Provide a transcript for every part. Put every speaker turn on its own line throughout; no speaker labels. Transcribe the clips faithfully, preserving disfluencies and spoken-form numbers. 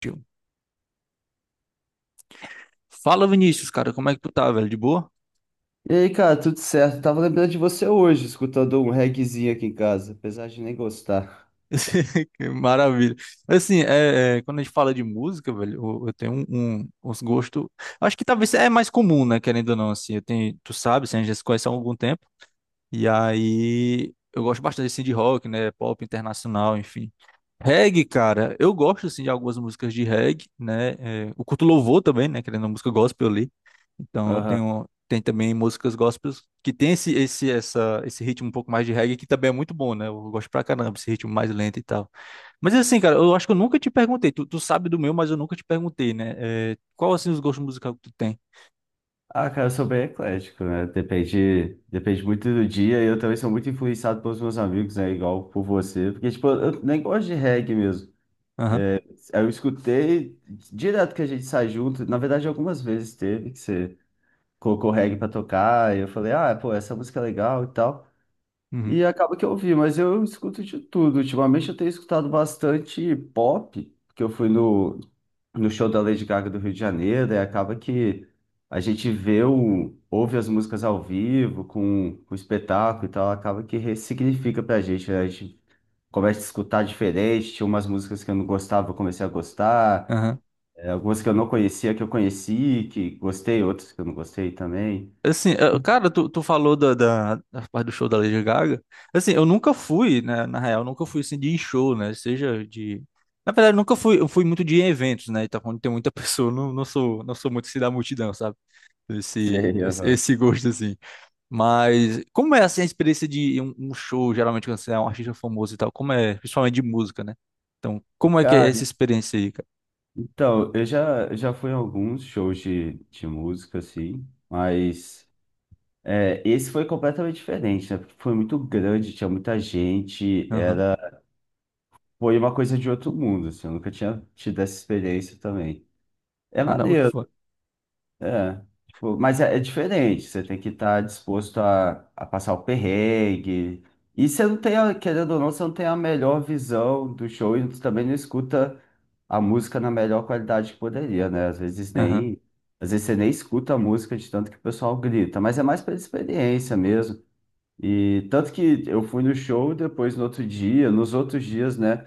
Tio. Fala, Vinícius, cara, como é que tu tá, velho? De boa?
E aí, cara, tudo certo? Tava lembrando de você hoje, escutando um reggaezinho aqui em casa, apesar de nem gostar.
Que maravilha. Assim, é, é, quando a gente fala de música, velho, eu, eu tenho um, um- uns gostos. Acho que talvez é mais comum, né? Querendo ou não, assim, eu tenho, tu sabe, assim, a gente já se conhece há algum tempo. E aí, eu gosto bastante assim, de rock, né? Pop internacional, enfim. Reggae, cara, eu gosto assim de algumas músicas de reggae, né? É, eu curto louvor também, né? Querendo uma música gospel ali. Então, eu
Aham.
tenho tem também músicas gospels que tem esse esse essa esse ritmo um pouco mais de reggae que também é muito bom, né? Eu gosto pra caramba esse ritmo mais lento e tal. Mas assim, cara, eu acho que eu nunca te perguntei. Tu, tu sabe do meu, mas eu nunca te perguntei, né? É, qual assim os gostos musicais que tu tem?
Ah, cara, eu sou bem eclético, né? Depende, depende muito do dia e eu também sou muito influenciado pelos meus amigos, né? Igual por você. Porque, tipo, eu nem gosto de reggae mesmo.
Aham.
Eu escutei direto que a gente sai junto. Na verdade, algumas vezes teve que você colocou reggae pra tocar e eu falei, ah, pô, essa música é legal e tal.
Uhum.
E acaba que eu ouvi, mas eu escuto de tudo. Ultimamente eu tenho escutado bastante pop, porque eu fui no, no show da Lady Gaga do Rio de Janeiro, e acaba que a gente vê o, ouve as músicas ao vivo, com, com o espetáculo e tal, acaba que ressignifica pra gente, né? A gente começa a escutar diferente, tinha umas músicas que eu não gostava, eu comecei a gostar,
Aham.
eh, algumas que eu não conhecia, que eu conheci, que gostei, outras que eu não gostei também.
Assim, eh, cara, tu, tu falou da, da, da parte do show da Lady Gaga. Assim, eu nunca fui, né? Na real, nunca fui assim de show, né? Seja de na verdade, nunca fui, eu fui muito de eventos, né? Então, quando tem muita pessoa, eu não, não sou, não sou muito assim da multidão, sabe? esse,
Sei,
esse
aham.
esse gosto, assim. Mas como é, assim, a experiência de um, um show, geralmente, quando você é um artista famoso e tal? Como é, principalmente de música, né? Então, como é que é
Cara,
essa experiência aí, cara?
então, eu já, já fui em alguns shows de, de música, assim, mas é, esse foi completamente diferente, né? Porque foi muito grande, tinha muita gente,
Aham.
era, foi uma coisa de outro mundo, assim, eu nunca tinha tido essa experiência também. É
Caramba, que
maneiro,
foda.
é, tipo, mas é, é diferente, você tem que estar disposto a, a passar o perrengue. E você não tem, a- querendo ou não, você não tem a melhor visão do show e também não escuta a música na melhor qualidade que poderia, né? Às vezes
Aham.
nem, às vezes você nem escuta a música de tanto que o pessoal grita, mas é mais pela experiência mesmo. E tanto que eu fui no show depois no outro dia, nos outros dias, né?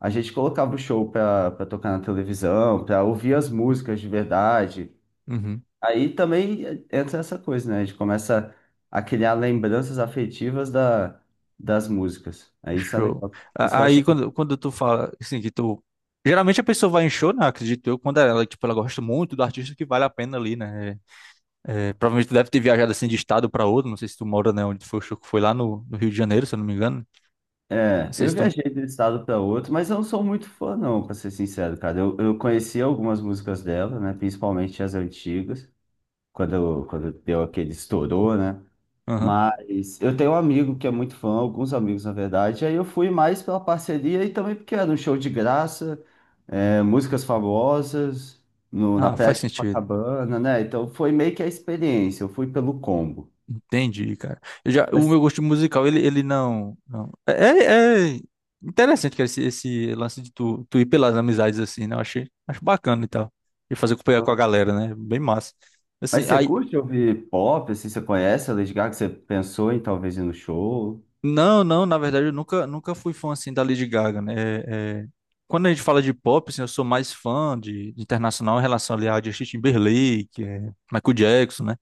A gente colocava o show para tocar na televisão, para ouvir as músicas de verdade.
Uhum.
Aí também entra essa coisa, né? A gente começa a criar lembranças afetivas da, das músicas. Aí isso é
Show.
legal. Isso
A-
eu
Aí,
achei.
quando, quando tu fala, assim, que tu... Geralmente a pessoa vai em show, né? Acredito eu, quando ela, tipo, ela gosta muito do artista que vale a pena ali, né? É, é, provavelmente tu deve ter viajado, assim, de estado pra outro. Não sei se tu mora, né? Onde foi o show que foi lá no, no Rio de Janeiro, se eu não me engano. Não
É,
sei
eu
se tu...
viajei de um estado para outro, mas eu não sou muito fã, não, para ser sincero, cara. Eu, eu conheci algumas músicas dela, né? Principalmente as antigas. quando, quando deu aquele estourou, né?
Aham.
Mas eu tenho um amigo que é muito fã, alguns amigos na verdade, e aí eu fui mais pela parceria e também porque era um show de graça, é, músicas famosas, no, na
Ah,
Praia
faz
de
sentido.
Copacabana, né? Então foi meio que a experiência, eu fui pelo combo.
Entendi, cara. Eu já, o meu
Mas,
gosto musical, ele, ele não, não. É, é é interessante, cara, esse, esse lance de tu, tu ir pelas amizades assim, né? Eu achei, acho bacana e tal. E fazer companhia com a galera, né? Bem massa. Assim,
mas você
aí,
curte ouvir pop, assim, você conhece a Lady Gaga, você pensou em talvez ir no show?
não, não, na verdade, eu nunca, nunca fui fã assim da Lady Gaga, né? É, é, quando a gente fala de pop, assim, eu sou mais fã de, de internacional em relação ali a Justin Timberlake, é, Michael Jackson, né?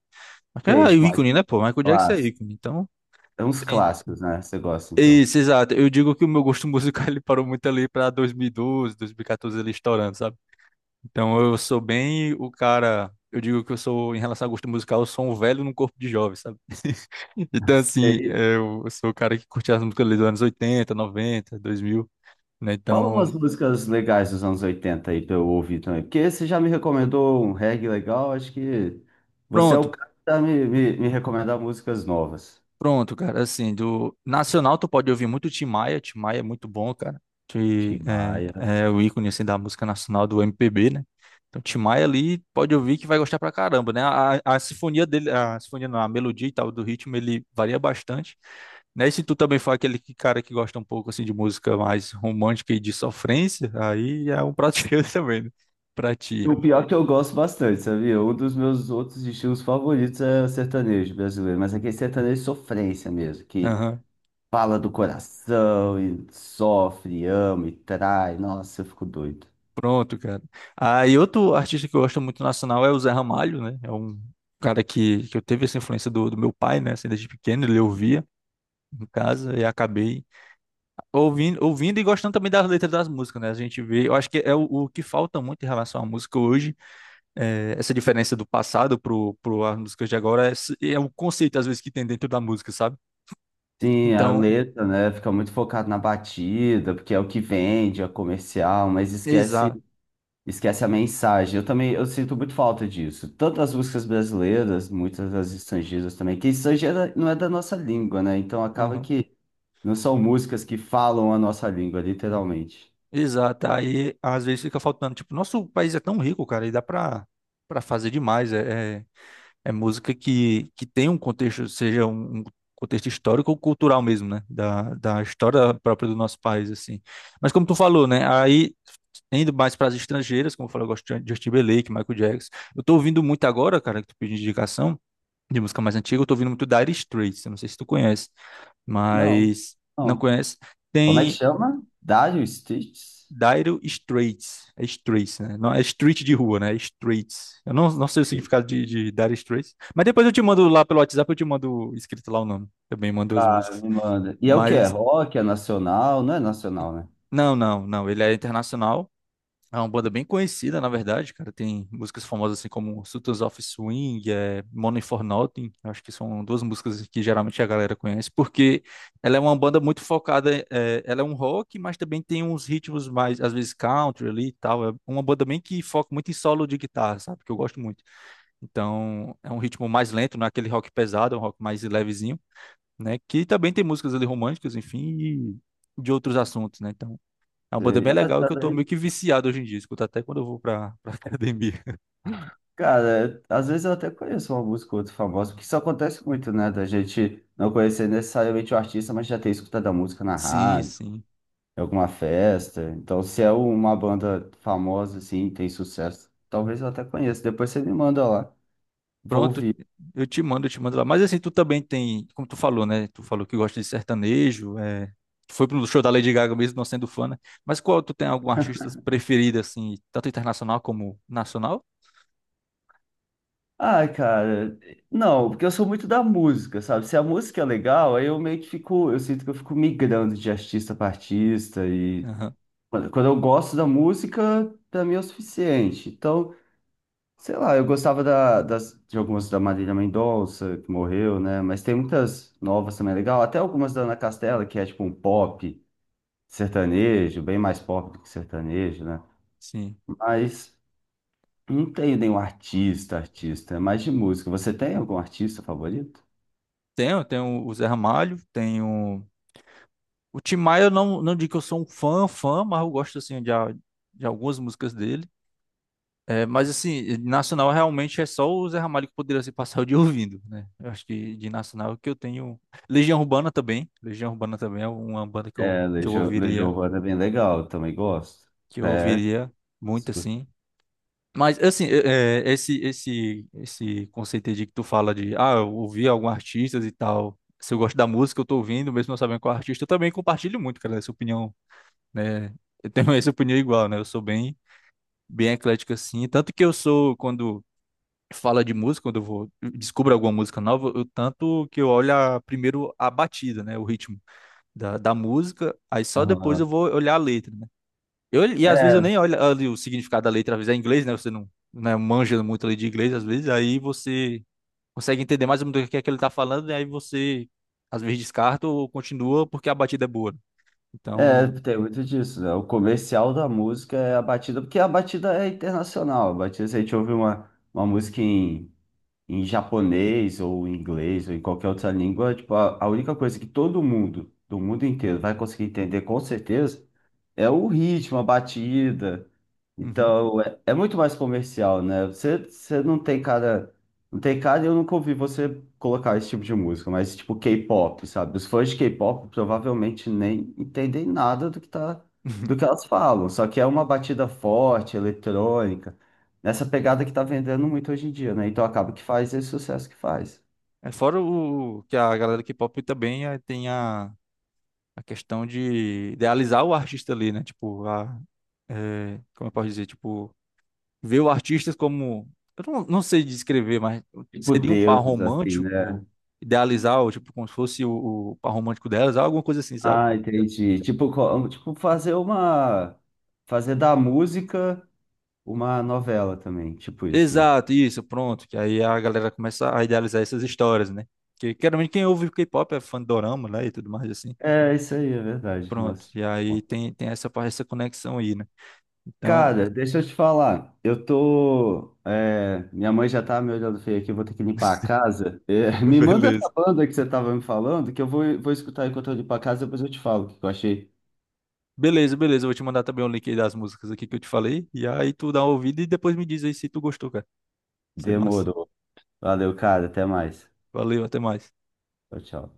Mas,
Sei,
cara, é o
tipo, mais
ícone, né, pô? Michael Jackson é
clássico.
ícone. Então,
É uns clássicos, né? Você gosta, então.
isso, exato. Eu digo que o meu gosto musical ele parou muito ali para dois mil e doze, dois mil e quatorze ele estourando, sabe? Então eu sou bem o cara, eu digo que eu sou em relação a gosto musical, eu sou um velho num corpo de jovem, sabe? Então assim,
Sei.
eu sou o cara que curte as músicas ali dos anos oitenta, noventa, dois mil, né?
Fala umas
Então,
músicas legais dos anos oitenta aí pra eu ouvir também. Porque você já me recomendou um reggae legal, acho que você é o
pronto,
cara pra me, me, me recomendar músicas novas.
pronto, cara, assim, do nacional tu pode ouvir muito Tim Maia, Tim Maia é muito bom, cara, que
Tim Maia.
é, é o ícone, assim, da música nacional do M P B, né? Então Tim Maia ali pode ouvir que vai gostar pra caramba, né? A, a sinfonia dele, a sinfonia não, a melodia e tal do ritmo, ele varia bastante, né? E se tu também for aquele que- cara que gosta um pouco, assim, de música mais romântica e de sofrência, aí é um prato cheio também, né? Pra ti.
O pior é que eu gosto bastante, sabia? Um dos meus outros estilos favoritos é sertanejo brasileiro, mas aquele sertanejo é sofrência mesmo, que fala do coração e sofre, ama e trai. Nossa, eu fico doido.
Pronto, cara. Ah, e outro artista que eu gosto muito nacional é o Zé Ramalho, né? É um cara que, que eu teve essa influência do, do meu pai, né? Assim, desde pequeno, ele ouvia em casa e acabei ouvindo, ouvindo e gostando também das letras das músicas, né? A gente vê, eu acho que é o, o que falta muito em relação à música hoje, é, essa diferença do passado pro, pro as músicas de agora, é, s- é o conceito, às vezes, que tem dentro da música, sabe?
Sim, a
Então,
letra, né? Fica muito focado na batida, porque é o que vende, é comercial, mas esquece.
exato.
Esquece a mensagem. Eu também, eu sinto muito falta disso. Tanto as músicas brasileiras, muitas das estrangeiras também, que estrangeira não é da nossa língua, né? Então acaba que não são músicas que falam a nossa língua, literalmente.
Exato, aí às vezes fica faltando. Tipo, nosso país é tão rico, cara, e dá pra, pra fazer demais. É, é, é música que, que tem um contexto, seja um, um contexto histórico ou cultural mesmo, né? Da, da história própria do nosso país, assim. Mas como tu falou, né? Aí, indo mais para as estrangeiras, como eu falei, eu gosto de Justin Timberlake, Michael Jackson. Eu tô ouvindo muito agora, cara, que tu pediu indicação de música mais antiga, eu tô ouvindo muito Dire Straits, eu não sei se tu conhece,
Não,
mas não
não.
conhece.
Como é que
Tem.
chama? Dire Straits?
Dire Straits. É Straits, né? Não, é street de rua, né? É Straits. Eu não, não sei o significado de, de Dire Straits. Mas depois eu te mando lá pelo WhatsApp, eu te mando escrito lá o nome. Também mando as
Tá,
músicas.
me manda. E é o que? É
Mas,
rock? É nacional? Não é nacional, né?
não, não, não. Ele é internacional. É uma banda bem conhecida, na verdade, cara. Tem músicas famosas assim como Sultans of Swing, é, Money for Nothing. Eu acho que são duas músicas assim, que geralmente a galera conhece, porque ela é uma banda muito focada. É, ela é um rock, mas também tem uns ritmos mais, às vezes, country ali e tal. É uma banda bem que foca muito em solo de guitarra, sabe? Que eu gosto muito. Então, é um ritmo mais lento, não é aquele rock pesado, é um rock mais levezinho, né? Que também tem músicas ali românticas, enfim, e de outros assuntos, né? Então. É uma banda bem legal que eu tô meio que viciado hoje em dia. Escuto até quando eu vou pra, pra academia.
Cara, às vezes eu até conheço uma música ou outra famosa, porque isso acontece muito, né? Da gente não conhecer necessariamente o artista, mas já ter escutado a música na
Sim,
rádio,
sim.
em alguma festa. Então, se é uma banda famosa, assim, tem sucesso, talvez eu até conheça. Depois você me manda lá, vou
Pronto,
ouvir.
eu te mando, eu te mando lá. Mas assim, tu também tem, como tu falou, né? Tu falou que gosta de sertanejo, é... tu foi pro show da Lady Gaga mesmo não sendo fã, né? Mas qual tu tem algum artista preferido, assim, tanto internacional como nacional?
Ah, cara, não, porque eu sou muito da música, sabe? Se a música é legal, aí eu meio que fico, eu sinto que eu fico migrando de artista para artista e
Aham,
quando quando eu gosto da música, pra mim é o suficiente. Então, sei lá, eu gostava da, das, de algumas da Marília Mendonça, que morreu, né? Mas tem muitas novas também é legal. Até algumas da Ana Castela, que é tipo um pop sertanejo, bem mais pop do que sertanejo, né?
sim.
Mas não tenho nenhum artista, artista, é mais de música. Você tem algum artista favorito?
Tenho, tenho o Zé Ramalho, tenho. O Tim Maia, eu não, não digo que eu sou um fã, fã, mas eu gosto, assim, de, a- de algumas músicas dele. É, mas assim, nacional realmente é só o Zé Ramalho que poderia se passar o dia ouvindo, né? Eu acho que de nacional é o que eu tenho. Legião Urbana também. Legião Urbana também é uma banda que
É,
eu, que eu
Legião, Legião
ouviria,
Urbana é bem legal, eu também gosto.
que eu
É,
ouviria muito
gosto.
assim. Mas assim, é, é, esse esse esse conceito aí de que tu fala de, ah, eu ouvi alguns artistas e tal. Se eu gosto da música, eu tô ouvindo, mesmo não sabendo qual artista, eu também compartilho muito, cara, essa opinião, né? Eu tenho essa opinião igual, né? Eu sou bem bem eclético assim, tanto que eu sou quando fala de música, quando eu vou descubro alguma música nova, eu tanto que eu olho a- primeiro a batida, né, o ritmo da, da música, aí só depois eu
Aham.
vou olhar a letra, né? Eu, e às vezes eu
É,
nem olho ali o significado da letra, às vezes é em inglês, né? Você não, né, manja muito ali de inglês, às vezes aí você consegue entender mais ou menos o que é que ele tá falando, e aí você às vezes descarta ou continua porque a batida é boa, né?
é,
Então,
tem muito disso, né? O comercial da música é a batida, porque a batida é internacional. A batida, se a gente ouve uma, uma música em, em japonês ou em inglês ou em qualquer outra língua, tipo, a, a única coisa que todo mundo, do mundo inteiro, vai conseguir entender com certeza é o ritmo, a batida.
uhum.
Então, é, é muito mais comercial, né? Você, você não tem cara. Não tem cara, e eu nunca ouvi você colocar esse tipo de música, mas tipo K-pop, sabe? Os fãs de K-pop provavelmente nem entendem nada do que tá, do que elas falam. Só que é uma batida forte, eletrônica, nessa pegada que tá vendendo muito hoje em dia, né? Então acaba que faz esse sucesso que faz.
É fora o que a galera do K-pop também eh, tem a a questão de idealizar o artista ali, né? Tipo, a, é, como eu posso dizer? Tipo, ver o artista como. Eu não, não sei descrever, mas
Tipo
seria um par
deuses, assim, né?
romântico, idealizar, ou, tipo, como se fosse o, o par romântico delas, alguma coisa assim, sabe?
Ah, entendi. Tipo, co- tipo fazer uma. Fazer da música uma novela também, tipo isso, né?
Exato, isso, pronto. Que aí a galera começa a idealizar essas histórias, né? Porque, geralmente, quem ouve K-pop é fã de dorama, né? E tudo mais assim.
É, isso aí, é verdade.
Pronto.
Nossa.
E aí tem, tem essa, parte- essa conexão aí, né? Então,
Cara, deixa eu te falar. Eu tô. é, minha mãe já tá me olhando feio aqui, eu vou ter que limpar a casa. É, me manda essa
beleza.
banda que você tava me falando, que eu vou, vou escutar enquanto eu limpo a casa, depois eu te falo o que eu achei.
Beleza, beleza. Eu vou te mandar também o link aí das músicas aqui que eu te falei. E aí tu dá uma ouvida e depois me diz aí se tu gostou, cara. Isso é massa.
Demorou. Valeu, cara. Até mais.
Valeu, até mais.
Tchau, tchau.